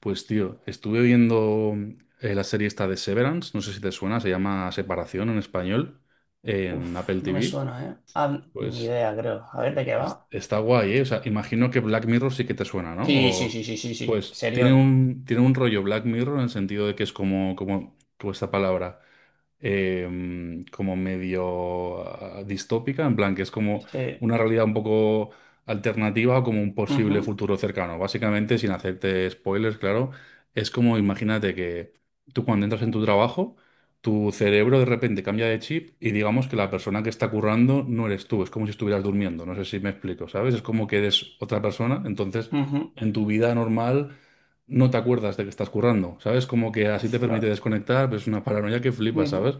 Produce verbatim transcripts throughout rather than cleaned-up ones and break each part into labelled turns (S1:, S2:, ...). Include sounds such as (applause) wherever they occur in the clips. S1: Pues tío, estuve viendo eh, la serie esta de Severance, no sé si te suena, se llama Separación en español,
S2: Uf,
S1: en Apple
S2: no me
S1: T V.
S2: suena, ¿eh? Ah, ni
S1: Pues
S2: idea, creo. A ver, ¿de qué
S1: es-
S2: va?
S1: Está guay, ¿eh? O sea, imagino que Black Mirror sí que te suena, ¿no?
S2: Sí, sí,
S1: O-
S2: sí, sí, sí, sí.
S1: pues tiene
S2: Serión.
S1: un, tiene un rollo Black Mirror en el sentido de que es como, como, como esta palabra, eh, como medio ah, distópica, en plan que es como
S2: Sí.
S1: una realidad un poco alternativa o como un posible
S2: Ujú,
S1: futuro cercano. Básicamente, sin hacerte spoilers, claro, es como imagínate que tú cuando entras en tu trabajo tu cerebro de repente cambia de chip y digamos que la persona que está currando no eres tú, es como si estuvieras durmiendo, no sé si me explico, ¿sabes? Es como que eres otra persona, entonces
S2: ujú.
S1: en tu vida normal no te acuerdas de que estás currando, ¿sabes? Como que así te permite
S2: Ostras.
S1: desconectar, pero es una paranoia que flipas,
S2: Ujú.
S1: ¿sabes?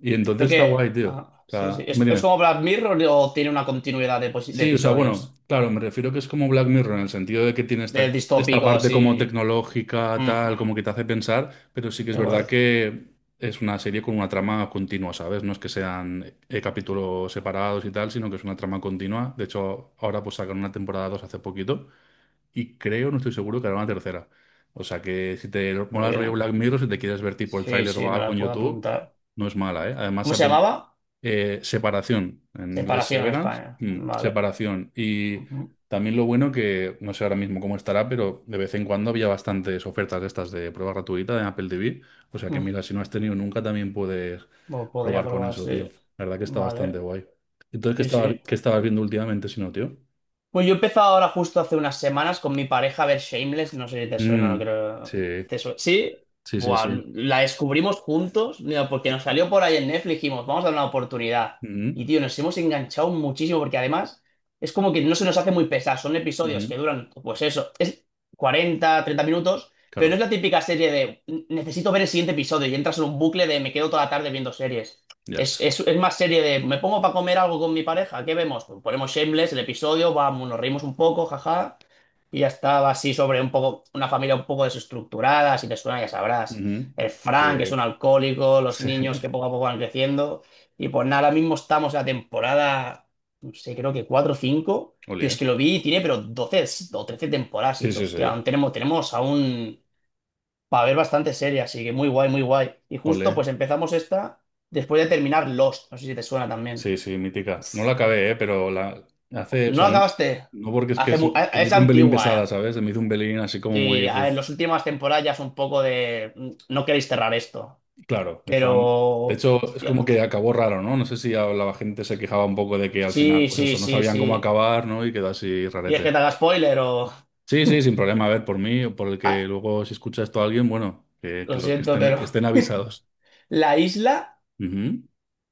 S1: Y
S2: Creo
S1: entonces está
S2: que,
S1: guay, tío.
S2: ah,
S1: O
S2: sí, sí.
S1: sea, dime,
S2: ¿Es, es
S1: dime.
S2: como Black Mirror o tiene una continuidad de, posi- de
S1: Sí, o sea, bueno,
S2: episodios?
S1: claro, me refiero que es como Black Mirror en el sentido de que tiene
S2: Del
S1: esta, esta
S2: distópico,
S1: parte como
S2: así.
S1: tecnológica,
S2: Ujú.
S1: tal, como que te hace pensar, pero sí que es verdad
S2: Igual.
S1: que es una serie con una trama continua, ¿sabes? No es que sean eh, capítulos separados y tal, sino que es una trama continua. De hecho, ahora pues sacan una temporada dos hace poquito y creo, no estoy seguro, que hará una tercera. O sea que si te
S2: Muy
S1: mola el rollo
S2: bien.
S1: Black Mirror, si te quieres ver tipo el
S2: Sí,
S1: tráiler
S2: sí,
S1: o
S2: me
S1: algo
S2: la
S1: en
S2: puedo
S1: YouTube,
S2: apuntar.
S1: no es mala, ¿eh? Además,
S2: ¿Cómo se llamaba?
S1: eh, separación, en inglés
S2: Separación en
S1: severance,
S2: España.
S1: mm,
S2: Vale.
S1: separación. Y
S2: Ujú.
S1: también lo bueno que, no sé ahora mismo cómo estará, pero de vez en cuando había bastantes ofertas de estas de prueba gratuita de Apple T V. O sea que
S2: Mm.
S1: mira, si no has tenido nunca, también puedes
S2: Lo podría
S1: probar con
S2: probar,
S1: eso, tío.
S2: sí.
S1: La verdad que está bastante
S2: Vale.
S1: guay. Entonces, ¿qué
S2: Sí,
S1: estabas,
S2: sí.
S1: qué estabas viendo últimamente, si no, tío?
S2: Pues yo he empezado ahora justo hace unas semanas con mi pareja a ver Shameless, no sé si te suena, no
S1: Mm,
S2: creo.
S1: sí,
S2: ¿Te suena? Sí,
S1: sí, sí,
S2: buah,
S1: sí.
S2: la descubrimos juntos, mira, porque nos salió por ahí en Netflix, dijimos, vamos a dar una oportunidad. Y
S1: Mm,
S2: tío, nos hemos enganchado muchísimo porque además es como que no se nos hace muy pesada, son episodios que
S1: ujú.
S2: duran, pues eso, es cuarenta, treinta minutos, pero no es
S1: Claro,
S2: la típica serie de necesito ver el siguiente episodio y entras en un bucle de me quedo toda la tarde viendo series.
S1: ya
S2: Es,
S1: ves.
S2: es, es más serie de, me pongo para comer algo con mi pareja, ¿qué vemos? Pues ponemos Shameless, el episodio, vamos, nos reímos un poco, jaja, y ya estaba así sobre un poco, una familia un poco desestructurada, si te suena ya sabrás.
S1: Ujú.
S2: El Frank, que es
S1: Sí,
S2: un alcohólico, los
S1: sí.
S2: niños que
S1: (laughs)
S2: poco a poco van creciendo, y pues nada, ahora mismo estamos en la temporada, no sé, creo que cuatro o cinco, pero es que
S1: Ole.
S2: lo vi y tiene pero doce o trece temporadas, y
S1: Sí,
S2: dije,
S1: sí, sí.
S2: hostia, aún tenemos, tenemos aún para ver bastante serie, así que muy guay, muy guay. Y justo
S1: Ole.
S2: pues empezamos esta después de terminar Lost, no sé si te suena también.
S1: Sí, sí, mítica. No la acabé, eh, pero la hace, o
S2: No la
S1: sea, no,
S2: acabaste.
S1: no porque es que
S2: Hace
S1: se,
S2: mu- eh,
S1: se me
S2: es
S1: hizo un pelín
S2: antigua,
S1: pesada,
S2: eh.
S1: ¿sabes? Se me hizo un pelín así como muy,
S2: Sí, a ver,
S1: uf.
S2: las últimas temporadas ya es un poco de mm, no queréis cerrar esto,
S1: Claro, estaban, de
S2: pero
S1: hecho, es
S2: hostia.
S1: como que acabó raro, ¿no? No sé si a la gente se quejaba un poco de que al final,
S2: Sí,
S1: pues
S2: sí,
S1: eso, no
S2: sí,
S1: sabían cómo
S2: sí.
S1: acabar, ¿no? Y quedó así
S2: ¿Y es que
S1: rarete.
S2: te haga spoiler o?
S1: Sí, sí, sin problema. A ver, por mí o por el que
S2: Ah,
S1: luego si escucha esto a alguien, bueno, que, que,
S2: lo
S1: lo, que
S2: siento,
S1: estén, que
S2: pero
S1: estén avisados.
S2: la isla
S1: Ujú.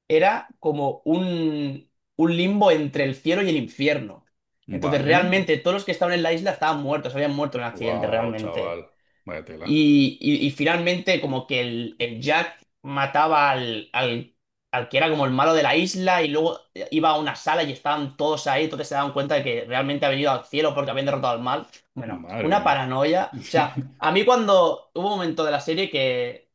S2: era como un, un limbo entre el cielo y el infierno. Entonces,
S1: Vale.
S2: realmente, todos los que estaban en la isla estaban muertos, habían muerto en el accidente,
S1: Wow, chaval.
S2: realmente.
S1: Vaya tela.
S2: Y, y- y finalmente como que el, el Jack mataba al, al, al que era como el malo de la isla y luego iba a una sala y estaban todos ahí, entonces se daban cuenta de que realmente ha venido al cielo porque habían derrotado al mal. Bueno,
S1: Madre
S2: una
S1: mía.
S2: paranoia. O sea,
S1: (laughs)
S2: a mí cuando hubo un momento de la serie que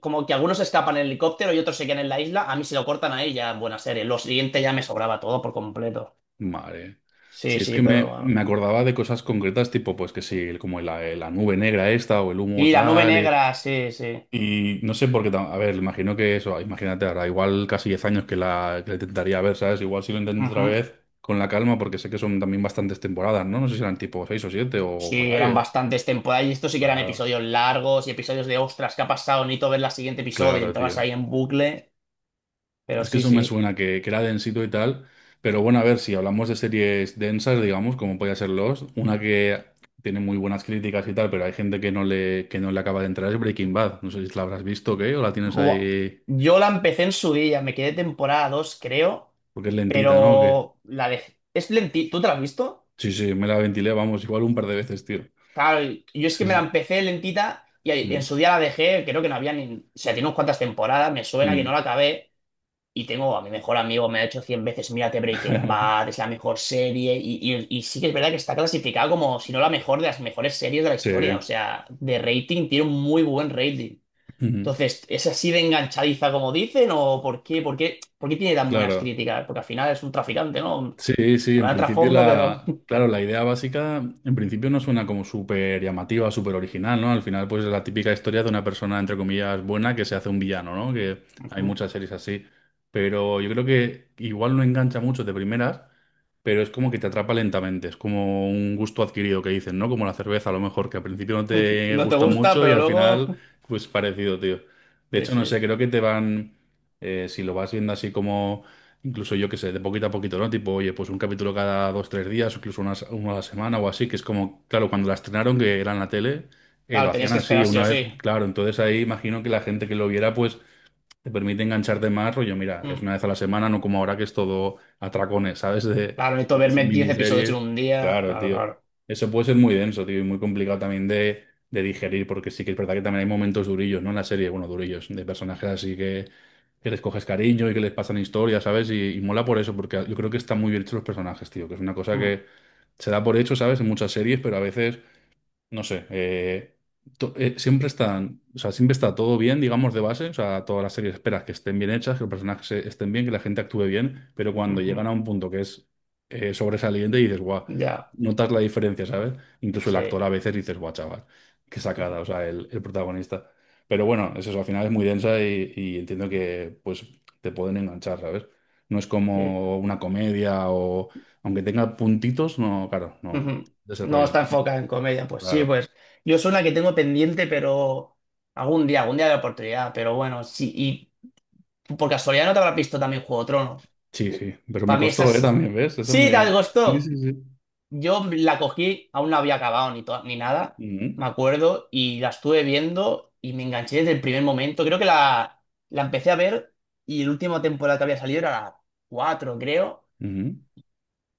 S2: como que algunos escapan en el helicóptero y otros se quedan en la isla, a mí se lo cortan ahí ya en buena serie. Lo siguiente ya me sobraba todo por completo.
S1: Vale.
S2: Sí,
S1: Si es
S2: sí,
S1: que
S2: pero
S1: me, me
S2: bueno.
S1: acordaba de cosas concretas, tipo, pues que sí, el- como la, eh, la nube negra esta o el humo
S2: Y la nube
S1: tal. Y,
S2: negra, sí, sí.
S1: y no sé por qué, tam- a ver, imagino que eso, imagínate, ahora igual casi diez años que la, que la intentaría ver, ¿sabes? Igual si lo intento otra
S2: Ujú.
S1: vez con la calma, porque sé que son también bastantes temporadas, ¿no? No sé si eran tipo seis o siete o por
S2: Sí,
S1: ahí,
S2: eran
S1: ¿eh?
S2: bastantes temporadas y estos sí que eran
S1: Claro,
S2: episodios largos y episodios de ostras, ¿qué ha pasado? Necesito ver la siguiente episodio y
S1: claro,
S2: entrabas
S1: tío.
S2: ahí en bucle, pero
S1: Es que
S2: sí,
S1: eso me
S2: sí.
S1: suena, que, que era densito y tal. Pero bueno, a ver, si hablamos de series densas, digamos, como podía ser Lost, una que tiene muy buenas críticas y tal, pero hay gente que no le, que no le acaba de entrar, es Breaking Bad. No sé si la habrás visto o qué, o la tienes
S2: Buah.
S1: ahí
S2: Yo la empecé en su día, me quedé temporada dos creo,
S1: porque es lentita, ¿no? ¿O qué?
S2: pero la dejé. Es lentita, ¿tú te la has visto?
S1: Sí, sí, me la ventilé, vamos, igual un par de veces, tío.
S2: Claro, y- yo es que
S1: Sí,
S2: me la
S1: sí.
S2: empecé lentita y ahí- en
S1: Mm,
S2: su día la dejé, creo que no había ni. O sea, tiene unas cuantas temporadas, me suena que no
S1: mm.
S2: la acabé. Y tengo a mi mejor amigo, me ha hecho cien veces, mírate Breaking Bad,
S1: (laughs)
S2: es la mejor serie. Y, y- y sí que es verdad que está clasificada como, si no la mejor, de las mejores series de la
S1: Sí.
S2: historia. O sea, de rating tiene un muy buen rating.
S1: Mm,
S2: Entonces, ¿es así de enganchadiza como dicen? ¿O por qué, por qué, por qué tiene tan buenas
S1: claro.
S2: críticas? Porque al final es un traficante, ¿no?
S1: Sí, sí, en
S2: Habrá
S1: principio
S2: trasfondo, pero.
S1: la, claro, la idea básica, en principio no suena como súper llamativa, súper original, ¿no? Al final, pues es la típica historia de una persona, entre comillas, buena que se hace un villano, ¿no? Que
S2: (laughs)
S1: hay
S2: Ujú.
S1: muchas series así. Pero yo creo que igual no engancha mucho de primeras, pero es como que te atrapa lentamente, es como un gusto adquirido que dicen, ¿no? Como la cerveza, a lo mejor, que al principio no
S2: (laughs)
S1: te
S2: No te
S1: gusta
S2: gusta,
S1: mucho y
S2: pero
S1: al
S2: luego.
S1: final, pues parecido, tío. De
S2: Sí,
S1: hecho, no sé,
S2: sí.
S1: creo que te van, eh, si lo vas viendo así como incluso yo que sé, de poquito a poquito, ¿no? Tipo, oye, pues un capítulo cada dos, tres días, o incluso una, uno a la semana o así, que es como, claro, cuando la estrenaron, que era en la tele, eh, lo
S2: Claro, tenías
S1: hacían
S2: que
S1: así
S2: esperar sí
S1: una
S2: o
S1: vez,
S2: sí.
S1: claro, entonces ahí imagino que la gente que lo viera, pues te permite engancharte más, rollo, mira, es
S2: Mm.
S1: una vez a la semana, no como ahora que es todo atracones, ¿sabes? (laughs) De,
S2: Claro, necesito
S1: de que sin
S2: verme diez episodios en
S1: miniseries.
S2: un día.
S1: Claro,
S2: Claro,
S1: tío.
S2: claro.
S1: Eso puede ser muy denso, tío, y muy complicado también de, de digerir, porque sí que es verdad que también hay momentos durillos, ¿no? En la serie, bueno, durillos, de personajes así que, que les coges cariño y que les pasan historias, ¿sabes? Y, y mola por eso, porque yo creo que están muy bien hechos los personajes, tío, que es una cosa
S2: Mm,
S1: que se da por hecho, ¿sabes? En muchas series, pero a veces no sé, eh, to- eh, siempre están, o sea, siempre está todo bien, digamos, de base, o sea, todas las series esperas que estén bien hechas, que los personajes eh, estén bien, que la gente actúe bien, pero cuando
S2: ujú.
S1: llegan a un punto que es eh, sobresaliente y dices, guau,
S2: Ya.
S1: notas la diferencia, ¿sabes? Incluso el actor
S2: Sí.
S1: a veces dices, guau, chaval, qué sacada,
S2: Coge-
S1: o sea, el, el protagonista. Pero bueno, es eso, al final es muy densa y, y entiendo que, pues, te pueden enganchar, ¿sabes? No es
S2: sí.
S1: como una comedia o, aunque tenga puntitos, no, claro, no,
S2: Ujú.
S1: de ese
S2: No
S1: rollo, ¿no?
S2: está enfocada en comedia. Pues sí,
S1: Claro.
S2: pues yo soy la que tengo pendiente, pero algún día, algún día de oportunidad. Pero bueno, sí. Y por casualidad no te habrás visto también Juego de Tronos.
S1: Sí, sí, pero me
S2: Para mí
S1: costó, ¿eh?
S2: esas.
S1: También, ¿ves? Eso
S2: Sí,
S1: me.
S2: te
S1: Sí,
S2: gustó.
S1: sí, sí.
S2: Yo la cogí, aún no había acabado ni, to- ni nada,
S1: Ujú,
S2: me acuerdo, y la estuve viendo y me enganché desde el primer momento. Creo que la, la empecé a ver y la última temporada que había salido era la cuatro creo.
S1: ujú,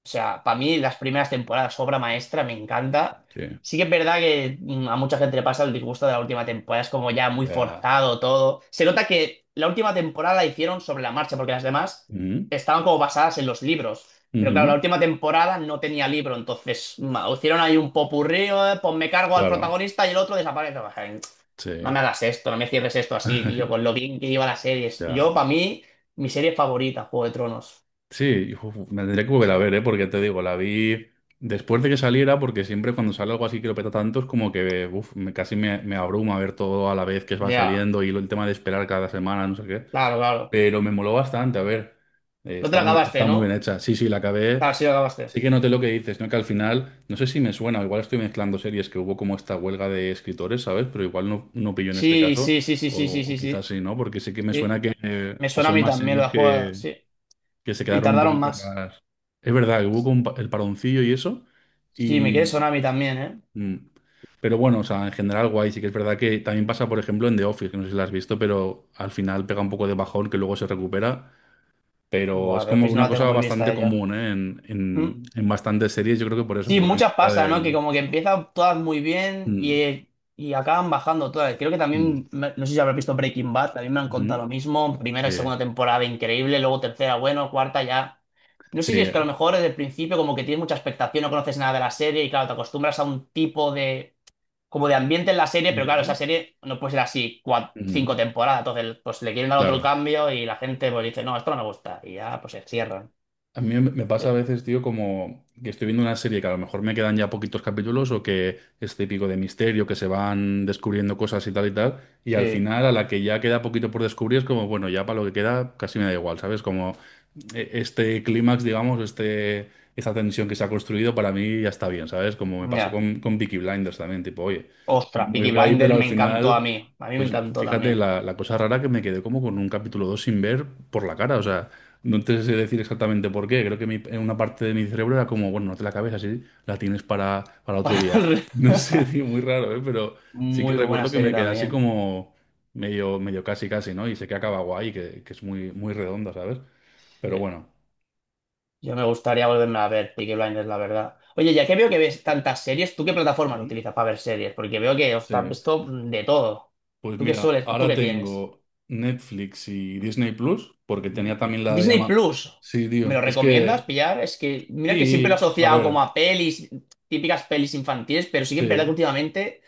S2: O sea, para mí las primeras temporadas, obra maestra, me encanta.
S1: sí,
S2: Sí que es verdad que mm, a mucha gente le pasa el disgusto de la última temporada, es como ya muy
S1: ya.
S2: forzado todo. Se nota que la última temporada la hicieron sobre la marcha, porque las demás
S1: Ujú,
S2: estaban como basadas en los libros. Pero claro, la
S1: ujú,
S2: última temporada no tenía libro, entonces ma, hicieron ahí un popurrí, eh, pues me cargo al
S1: claro,
S2: protagonista y el otro desaparece. Pues, ay,
S1: sí.
S2: no me hagas esto, no me cierres esto así, tío, con
S1: (laughs)
S2: lo bien que iba la serie.
S1: Ya.
S2: Yo, para mí, mi serie favorita, Juego de Tronos.
S1: Sí, uf, me tendría que volver a ver, ¿eh? Porque te digo, la vi después de que saliera, porque siempre cuando sale algo así que lo peta tanto es como que, uf, me, casi me, me abruma ver todo a la vez que va
S2: Ya,
S1: saliendo y lo- el tema de esperar cada semana, no sé qué.
S2: claro, claro.
S1: Pero me moló bastante, a ver. Eh,
S2: No te
S1: está
S2: la
S1: muy,
S2: acabaste,
S1: está
S2: ¿no?
S1: muy bien hecha. Sí, sí, la acabé.
S2: Ah, sí, la acabaste.
S1: Sí que noté lo que dices, ¿no? Que al final, no sé si me suena, o igual estoy mezclando series que hubo como esta huelga de escritores, ¿sabes? Pero igual no, no pillo en este
S2: Sí,
S1: caso,
S2: sí, sí, sí, sí,
S1: o,
S2: sí,
S1: o
S2: sí,
S1: quizás
S2: sí.
S1: sí, ¿no? Porque sí que me suena
S2: Sí.
S1: que eh,
S2: Me suena
S1: pasó
S2: a
S1: en
S2: mí
S1: más
S2: también
S1: series
S2: la jugada,
S1: que,
S2: sí.
S1: que se
S2: Y
S1: quedaron un
S2: tardaron
S1: poquito
S2: más.
S1: raras. Es verdad, que hubo como un pa- el paroncillo y eso,
S2: Sí, me
S1: y,
S2: quiere sonar a mí también, ¿eh?
S1: mm, pero bueno, o sea, en general guay, sí que es verdad que también pasa, por ejemplo, en The Office, que no sé si la has visto, pero al final pega un poco de bajón que luego se recupera pero es
S2: Bueno, de
S1: como
S2: Office no
S1: una
S2: la tengo
S1: cosa
S2: muy vista
S1: bastante
S2: ella.
S1: común, ¿eh? En,
S2: Mm.
S1: en- en bastantes series, yo creo que por eso,
S2: Sí,
S1: por una
S2: muchas
S1: mezcla
S2: pasan ¿no? Que
S1: de.
S2: como que empiezan todas muy bien
S1: Mm,
S2: y, y acaban bajando todas. Creo que
S1: mm,
S2: también, me- no sé si habrás visto Breaking Bad, también me han contado
S1: ujú,
S2: lo mismo. Primera y
S1: sí,
S2: segunda temporada increíble, luego tercera, bueno, cuarta ya. No sé
S1: sí.
S2: si es que a lo
S1: eh,
S2: mejor desde el principio como que tienes mucha expectación, no conoces nada de la serie y claro, te acostumbras a un tipo de como de ambiente en la serie, pero claro, esa
S1: ujú,
S2: serie no puede ser así cua- cinco
S1: ujú,
S2: temporadas. Entonces, pues le quieren dar otro
S1: claro.
S2: cambio y la gente pues dice, no, esto no me gusta. Y ya, pues se cierran.
S1: A mí me me pasa a veces, tío, como que estoy viendo una serie que a lo mejor me quedan ya poquitos capítulos o que es típico de misterio, que se van descubriendo cosas y tal y tal, y al
S2: Sí,
S1: final a la que ya queda poquito por descubrir es como, bueno, ya para lo que queda casi me da igual, ¿sabes? Como eh, este clímax, digamos, este, esta tensión que se ha construido para mí ya está bien, ¿sabes? Como me pasó
S2: ya.
S1: con, con Peaky Blinders también, tipo, oye,
S2: Ostras,
S1: muy
S2: Peaky
S1: guay, pero
S2: Blinders
S1: al
S2: me encantó a
S1: final.
S2: mí. A mí me
S1: Pues
S2: encantó
S1: fíjate
S2: también.
S1: la, la cosa rara que me quedé como con un capítulo dos sin ver por la cara. O sea, no te sé decir exactamente por qué. Creo que mi- en una parte de mi cerebro era como, bueno, no te la cabeza, sí, la tienes para, para,
S2: (laughs)
S1: otro
S2: Para
S1: día.
S2: el-
S1: No sé, (laughs)
S2: (laughs)
S1: tío, muy raro, ¿eh? Pero sí que
S2: Muy buena
S1: recuerdo que
S2: serie
S1: me quedé así
S2: también.
S1: como medio, medio casi, casi, ¿no? Y sé que acaba guay, que, que es muy, muy redonda, ¿sabes? Pero
S2: Sí.
S1: bueno.
S2: Yo me gustaría volverme a ver Peaky Blinders, la verdad. Oye, ya que veo que ves tantas series, ¿tú qué plataformas
S1: Ujú.
S2: utilizas para ver series? Porque veo que, ostras,
S1: Sí.
S2: esto de todo.
S1: Pues
S2: ¿Tú qué
S1: mira,
S2: sueles? ¿Tú
S1: ahora
S2: qué tienes?
S1: tengo Netflix y Disney Plus, porque tenía también la de
S2: Disney
S1: Ama.
S2: Plus,
S1: Sí,
S2: ¿me lo
S1: tío. Es
S2: recomiendas
S1: que,
S2: pillar? Es que mira que siempre lo he
S1: sí, a
S2: asociado como
S1: ver,
S2: a pelis, típicas pelis infantiles, pero sí que es verdad que
S1: sí.
S2: últimamente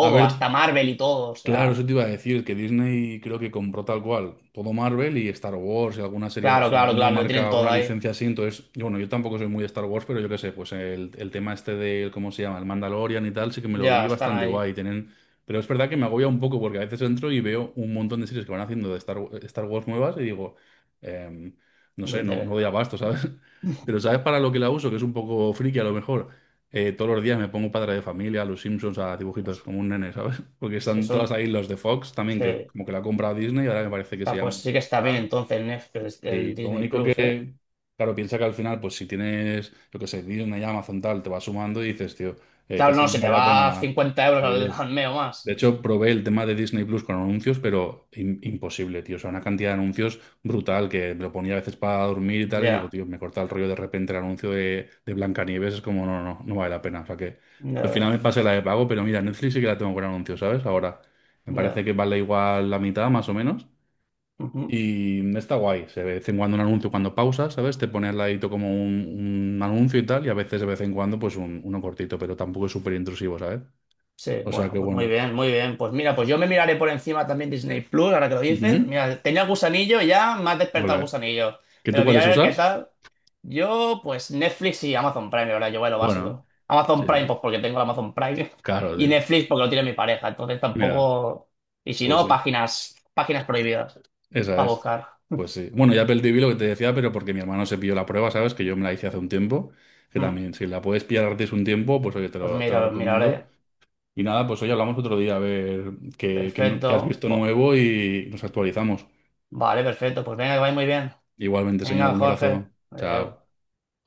S1: A
S2: hasta
S1: ver.
S2: Marvel y todo, o
S1: Claro, eso
S2: sea,
S1: te iba a decir, que Disney creo que compró tal cual todo Marvel y Star Wars y alguna serie,
S2: claro,
S1: si no,
S2: claro,
S1: alguna
S2: claro, lo
S1: marca,
S2: tienen todo
S1: alguna
S2: ahí,
S1: licencia así, entonces, yo, bueno, yo tampoco soy muy de Star Wars, pero yo qué sé, pues el, el tema este del, ¿cómo se llama? El Mandalorian y tal, sí que me lo vi
S2: ya están
S1: bastante
S2: ahí,
S1: guay, tienen. Pero es verdad que me agobia un poco porque a veces entro y veo un montón de series que van haciendo de Star, Star Wars nuevas y digo, em, no
S2: lo
S1: sé, no, no doy
S2: interesa.
S1: abasto, ¿sabes? (laughs) Pero ¿sabes para lo que la uso? Que es un poco friki a lo mejor. Eh, todos los días me pongo Padre de Familia, a los Simpsons, a dibujitos,
S2: Hostia,
S1: como un nene, ¿sabes? (laughs) Porque
S2: es que
S1: están todas
S2: son,
S1: ahí los de Fox también,
S2: sí,
S1: que como que la ha comprado Disney y ahora me parece que se
S2: está,
S1: llama.
S2: pues sí que está bien
S1: Star.
S2: entonces Netflix, el
S1: Sí, lo
S2: Disney
S1: único
S2: Plus, ¿eh?
S1: que, claro, piensa que al final, pues si tienes, yo qué sé, Disney, Amazon, tal, te va sumando y dices, tío, eh,
S2: Claro,
S1: casi
S2: no,
S1: me
S2: se te
S1: vale la
S2: va
S1: pena.
S2: cincuenta euros al,
S1: eh,
S2: al mes o
S1: de
S2: más.
S1: hecho, probé el tema de Disney Plus con anuncios, pero im- imposible, tío. O sea, una cantidad de anuncios brutal que me lo ponía a veces para dormir y tal. Y digo,
S2: Ya,
S1: tío, me corta el rollo de repente el anuncio de, de Blancanieves. Es como, no, no, no vale la pena. O sea, que
S2: ya,
S1: al final me
S2: ya,
S1: pasé la de pago, pero mira, Netflix sí que la tengo con anuncios, ¿sabes? Ahora me parece
S2: ya.
S1: que vale igual la mitad, más o menos.
S2: Ujú.
S1: Y está guay. Se ve de vez en cuando un anuncio cuando pausas, ¿sabes? Te pone al ladito como un, un anuncio y tal. Y a veces de vez en cuando, pues un- uno cortito, pero tampoco es súper intrusivo, ¿sabes?
S2: Sí,
S1: O sea,
S2: bueno,
S1: que
S2: pues muy
S1: bueno.
S2: bien, muy bien. Pues mira, pues yo me miraré por encima también Disney Plus, ahora que lo dices.
S1: Ujú.
S2: Mira, tenía el gusanillo y ya me ha despertado el
S1: Ole.
S2: gusanillo.
S1: ¿Que
S2: Me
S1: tú
S2: lo
S1: cuáles
S2: miraré a ver qué
S1: usas?
S2: tal. Yo, pues Netflix y Amazon Prime, ahora yo voy a lo básico.
S1: Bueno, sí,
S2: Amazon Prime, pues porque tengo el Amazon Prime. (laughs)
S1: claro,
S2: Y
S1: tío.
S2: Netflix porque lo tiene mi pareja. Entonces
S1: Mira,
S2: tampoco. Y si
S1: pues
S2: no,
S1: sí,
S2: páginas, páginas prohibidas
S1: esa
S2: para
S1: es.
S2: buscar.
S1: Pues sí. Bueno, ya Apple T V lo que te decía, pero porque mi hermano se pilló la prueba, ¿sabes? Que yo me la hice hace un tiempo. Que
S2: Mm,
S1: también, si la puedes pillar gratis un tiempo, pues oye, te
S2: Pues
S1: lo, te
S2: mira,
S1: lo
S2: lo
S1: recomiendo.
S2: miraré.
S1: Y nada, pues hoy hablamos otro día a ver qué, qué nu- qué has
S2: Perfecto.
S1: visto
S2: Bo-
S1: nuevo y nos actualizamos.
S2: vale, perfecto. Pues venga, que vaya muy bien.
S1: Igualmente, señor,
S2: Venga,
S1: un
S2: Jorge.
S1: abrazo.
S2: Adeu.
S1: Chao.